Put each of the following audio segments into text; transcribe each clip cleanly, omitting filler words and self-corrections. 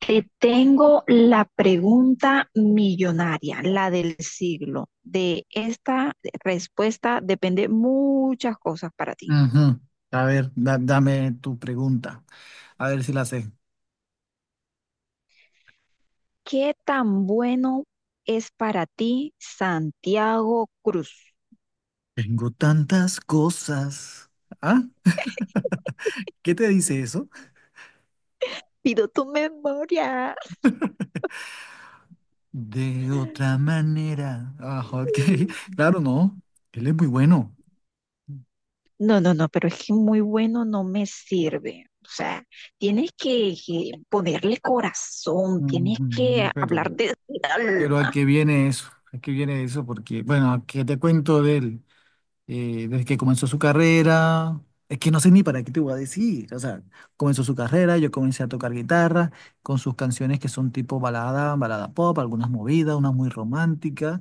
Te tengo la pregunta millonaria, la del siglo. De esta respuesta depende muchas cosas para ti. Ujú. A ver, dame tu pregunta. A ver si la sé. ¿Qué tan bueno es para ti Santiago Cruz? Tengo tantas cosas. ¿Ah? ¿Qué te dice eso? Pido tu memoria. De otra manera. Ah, ok. Claro, no. Él es muy bueno. No, no, no, pero es que muy bueno no me sirve. O sea, tienes que ponerle corazón, tienes que Ujú. hablar Pero, de pero ¿a alma. qué viene eso? ¿A qué viene eso? Porque, bueno, ¿a qué te cuento de él? Desde que comenzó su carrera. Es que no sé ni para qué te voy a decir. O sea, comenzó su carrera, yo comencé a tocar guitarra con sus canciones que son tipo balada, balada pop, algunas movidas, unas muy románticas.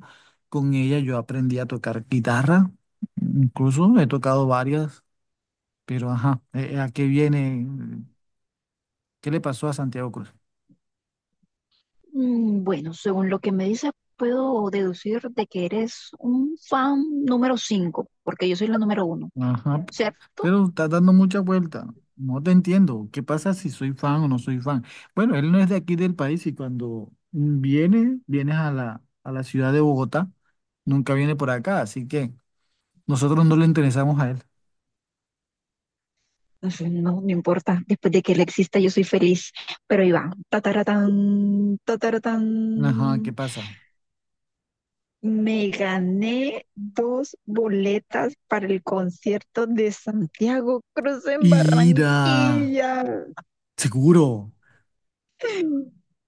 Con ella yo aprendí a tocar guitarra, incluso he tocado varias, pero ajá, ¿a qué viene? ¿Qué le pasó a Santiago Cruz? Bueno, según lo que me dices, puedo deducir de que eres un fan número 5 porque yo soy la número uno, Ajá, ¿cierto? pero estás dando mucha vuelta. No te entiendo. ¿Qué pasa si soy fan o no soy fan? Bueno, él no es de aquí del país y cuando vienes a la ciudad de Bogotá, nunca viene por acá, así que nosotros no le interesamos a él. Entonces, no, me importa, después de que él exista yo soy feliz, pero ahí va, tataratán, Ajá, tataratán. ¿qué pasa? Me gané dos boletas para el concierto de Santiago Cruz en Ira, Barranquilla. seguro.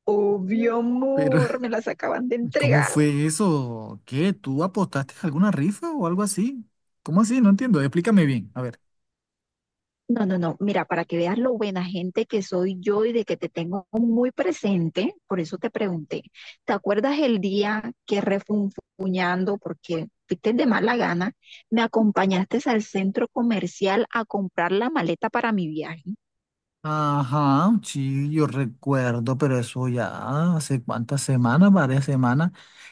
Obvio, Pero, amor, me las acaban de ¿cómo entregar. fue eso? ¿Qué? ¿Tú apostaste a alguna rifa o algo así? ¿Cómo así? No entiendo. Explícame bien. A ver. No, no, no. Mira, para que veas lo buena gente que soy yo y de que te tengo muy presente, por eso te pregunté. ¿Te acuerdas el día que refunfuñando, porque fuiste de mala gana, me acompañaste al centro comercial a comprar la maleta para mi viaje? Ajá, sí, yo recuerdo, pero eso ya hace cuántas semanas, varias semanas.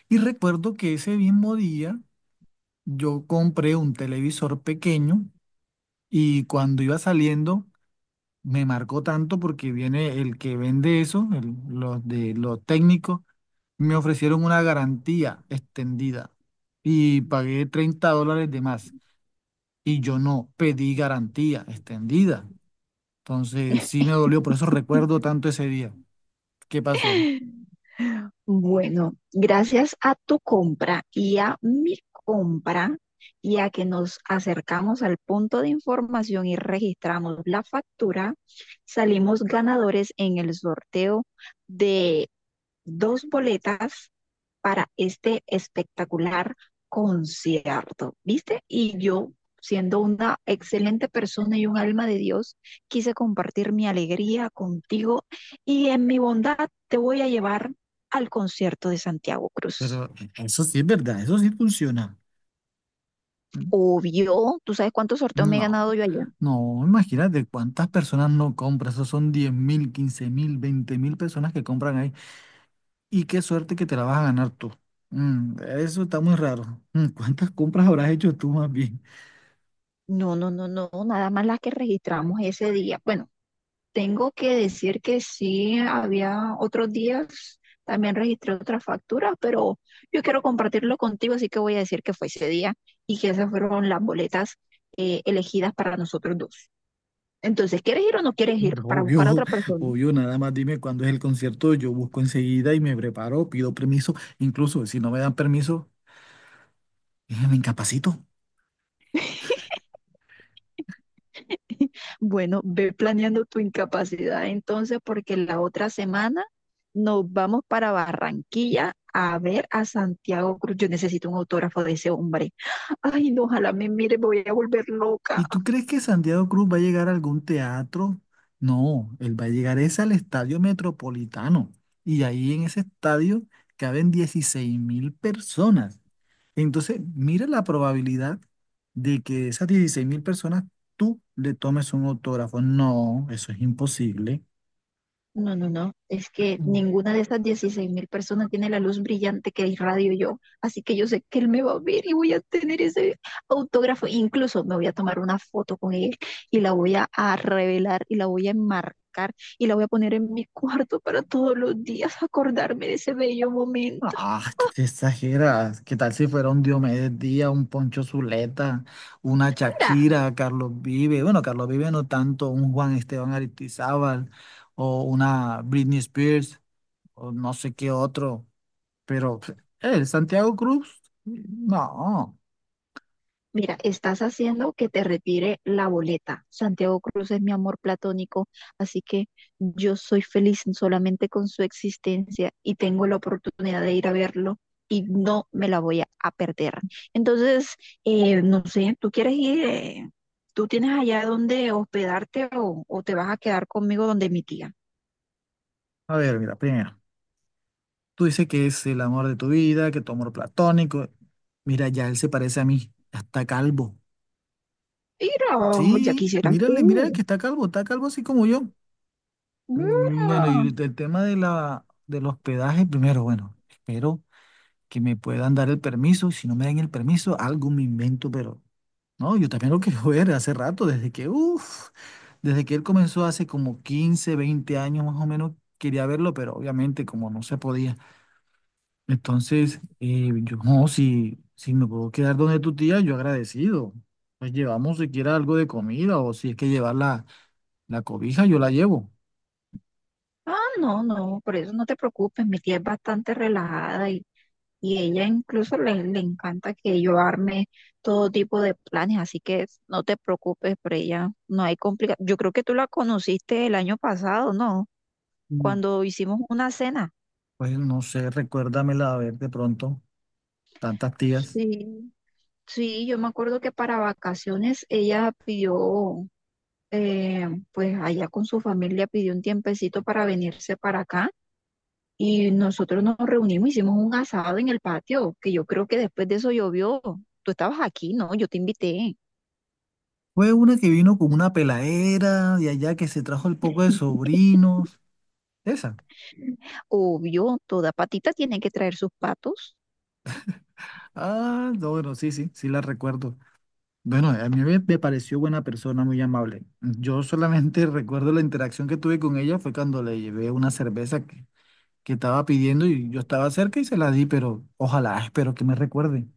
Y recuerdo que ese mismo día yo compré un televisor pequeño y cuando iba saliendo me marcó tanto porque viene el que vende eso, los de los técnicos, me ofrecieron una garantía extendida y pagué $30 de más y yo no pedí garantía extendida. Entonces sí me dolió, por eso recuerdo tanto ese día. ¿Qué pasó? Bueno, gracias a tu compra y a mi compra y a que nos acercamos al punto de información y registramos la factura, salimos ganadores en el sorteo de dos boletas para este espectacular concierto, ¿viste? Y yo, siendo una excelente persona y un alma de Dios, quise compartir mi alegría contigo y en mi bondad te voy a llevar al concierto de Santiago Cruz. Pero eso sí es verdad, eso sí funciona. Obvio, ¿tú sabes cuántos sorteos me he No, ganado yo allá? no, imagínate cuántas personas no compran, eso son 10.000, 15.000, 20.000 personas que compran ahí y qué suerte que te la vas a ganar tú. Eso está muy raro. ¿Cuántas compras habrás hecho tú más bien? No, no, no, no, nada más las que registramos ese día. Bueno, tengo que decir que sí, había otros días, también registré otras facturas, pero yo quiero compartirlo contigo, así que voy a decir que fue ese día y que esas fueron las boletas elegidas para nosotros dos. Entonces, ¿quieres ir o no quieres ir para buscar a Obvio, otra persona? obvio, nada más dime cuándo es el concierto, yo busco enseguida y me preparo, pido permiso, incluso si no me dan permiso, me incapacito. Bueno, ve planeando tu incapacidad entonces, porque la otra semana nos vamos para Barranquilla a ver a Santiago Cruz. Yo necesito un autógrafo de ese hombre. Ay, no, ojalá me mire, me voy a volver loca. ¿Y tú crees que Santiago Cruz va a llegar a algún teatro? No, él va a llegar es al Estadio Metropolitano. Y ahí en ese estadio caben 16.000 personas. Entonces, mira la probabilidad de que de esas 16.000 personas tú le tomes un autógrafo. No, eso es imposible. No, no, no. Es que ninguna de esas 16.000 personas tiene la luz brillante que irradio yo. Así que yo sé que él me va a ver y voy a tener ese autógrafo. Incluso me voy a tomar una foto con él y la voy a revelar y la voy a enmarcar y la voy a poner en mi cuarto para todos los días acordarme de ese bello momento. Ah, tú te exageras. ¿Qué tal si fuera un Diomedes Díaz, un Poncho Zuleta, una Shakira, Carlos Vive? Bueno, Carlos Vive no tanto, un Juan Esteban Aristizábal o una Britney Spears o no sé qué otro. Pero pf, el Santiago Cruz, no. Mira, estás haciendo que te retire la boleta. Santiago Cruz es mi amor platónico, así que yo soy feliz solamente con su existencia y tengo la oportunidad de ir a verlo y no me la voy a perder. Entonces, no sé, ¿tú quieres ir? ¿Tú tienes allá donde hospedarte o te vas a quedar conmigo donde mi tía? A ver, mira, primero, tú dices que es el amor de tu vida, que tu amor platónico. Mira, ya él se parece a mí, ya está calvo. Mira, ya Sí, quisieras mírale, mírale tú. que está calvo así como yo. Mira. Bueno, y ahorita el tema de del hospedaje, primero, bueno, espero que me puedan dar el permiso. Si no me dan el permiso, algo me invento, pero no, yo también lo quiero ver hace rato, desde que, uff, desde que él comenzó hace como 15 20 años más o menos, quería verlo, pero obviamente como no se podía. Entonces, yo no, si me puedo quedar donde tu tía, yo agradecido. Pues llevamos siquiera algo de comida o si es que llevar la cobija, yo la llevo. Ah, no, no, por eso no te preocupes, mi tía es bastante relajada. Y ella incluso le encanta que yo arme todo tipo de planes, así que no te preocupes por ella, no hay complicación. Yo creo que tú la conociste el año pasado, ¿no? Cuando hicimos una cena. Pues no sé, recuérdamela a ver de pronto, tantas tías. Sí, sí, yo me acuerdo que para vacaciones ella pidió, pues allá con su familia pidió un tiempecito para venirse para acá y nosotros nos reunimos, hicimos un asado en el patio, que yo creo que después de eso llovió. Tú estabas aquí, ¿no? Yo te invité. Fue una que vino con una peladera de allá que se trajo el poco de sobrinos. Esa. Obvio, toda patita tiene que traer sus patos. Ah, no, bueno, sí, sí, sí la recuerdo. Bueno, a mí me pareció buena persona, muy amable. Yo solamente recuerdo la interacción que tuve con ella fue cuando le llevé una cerveza que estaba pidiendo y yo estaba cerca y se la di, pero ojalá, espero que me recuerde.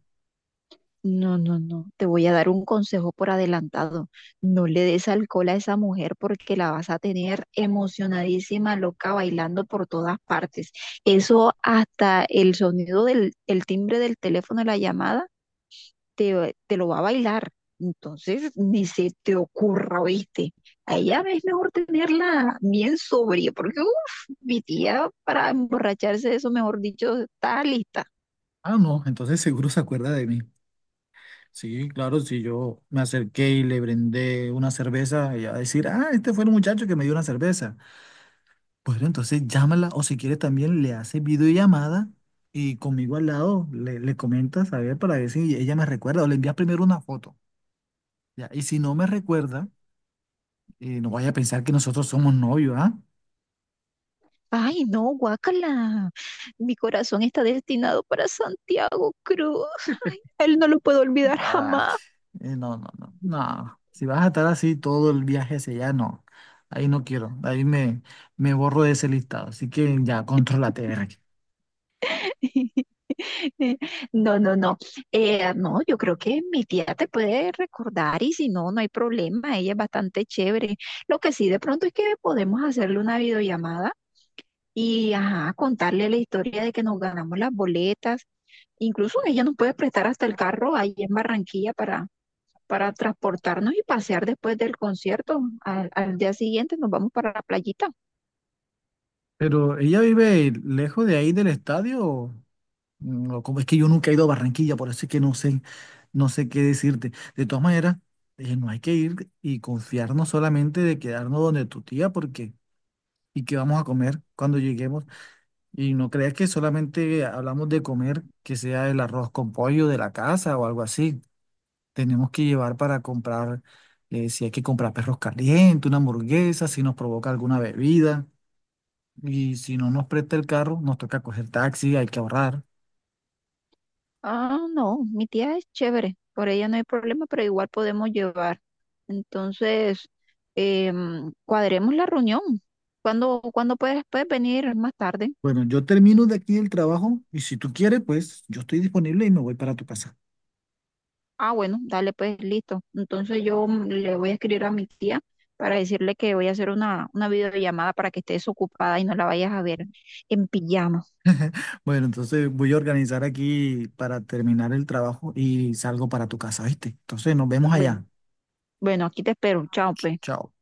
No, no, no. Te voy a dar un consejo por adelantado. No le des alcohol a esa mujer porque la vas a tener emocionadísima, loca, bailando por todas partes. Eso hasta el sonido del el timbre del teléfono, la llamada, te lo va a bailar. Entonces, ni se te ocurra, ¿viste? A ella es mejor tenerla bien sobria porque, uff, mi tía para emborracharse, eso mejor dicho, está lista. Ah, no, entonces seguro se acuerda de mí. Sí, claro, si yo me acerqué y le brindé una cerveza, ella va a decir, ah, este fue el muchacho que me dio una cerveza. Bueno, entonces llámala o si quieres también le haces videollamada y conmigo al lado le comentas, a ver, para ver si ella me recuerda o le envías primero una foto. Ya, y si no me recuerda, no vaya a pensar que nosotros somos novios, ¿ah? Ay, no, guácala. Mi corazón está destinado para Santiago Cruz. A él no lo puedo olvidar Ay, jamás. No, no, no, no. Si vas a estar así todo el viaje ese, ya no. Ahí no quiero, ahí me borro de ese listado. Así que ya, contrólate, Berry. No, no, no. No, yo creo que mi tía te puede recordar y si no, no hay problema. Ella es bastante chévere. Lo que sí, de pronto es que podemos hacerle una videollamada y ajá, contarle la historia de que nos ganamos las boletas. Incluso ella nos puede prestar hasta el carro ahí en Barranquilla para transportarnos y pasear después del concierto. Al día siguiente nos vamos para la playita. Pero ella vive lejos de ahí del estadio, o o como es que yo nunca he ido a Barranquilla, por eso es que no sé, no sé qué decirte. De todas maneras, no hay que ir y confiarnos solamente de quedarnos donde tu tía, porque y qué vamos a comer cuando lleguemos. Y no creas que solamente hablamos de comer, que sea el arroz con pollo de la casa o algo así. Tenemos que llevar para comprar, si hay que comprar perros calientes, una hamburguesa, si nos provoca alguna bebida. Y si no nos presta el carro, nos toca coger taxi, hay que ahorrar. Ah, no, mi tía es chévere, por ella no hay problema, pero igual podemos llevar. Entonces, cuadremos la reunión. ¿¿Cuándo puedes venir más tarde? Bueno, yo termino de aquí el trabajo y si tú quieres, pues yo estoy disponible y me voy para tu casa. Ah, bueno, dale, pues listo. Entonces yo le voy a escribir a mi tía para decirle que voy a hacer una videollamada para que estés ocupada y no la vayas a ver en pijama. Bueno, entonces voy a organizar aquí para terminar el trabajo y salgo para tu casa, ¿viste? Entonces nos vemos Bueno, allá. bueno, aquí te espero. Chao, pues. Chao.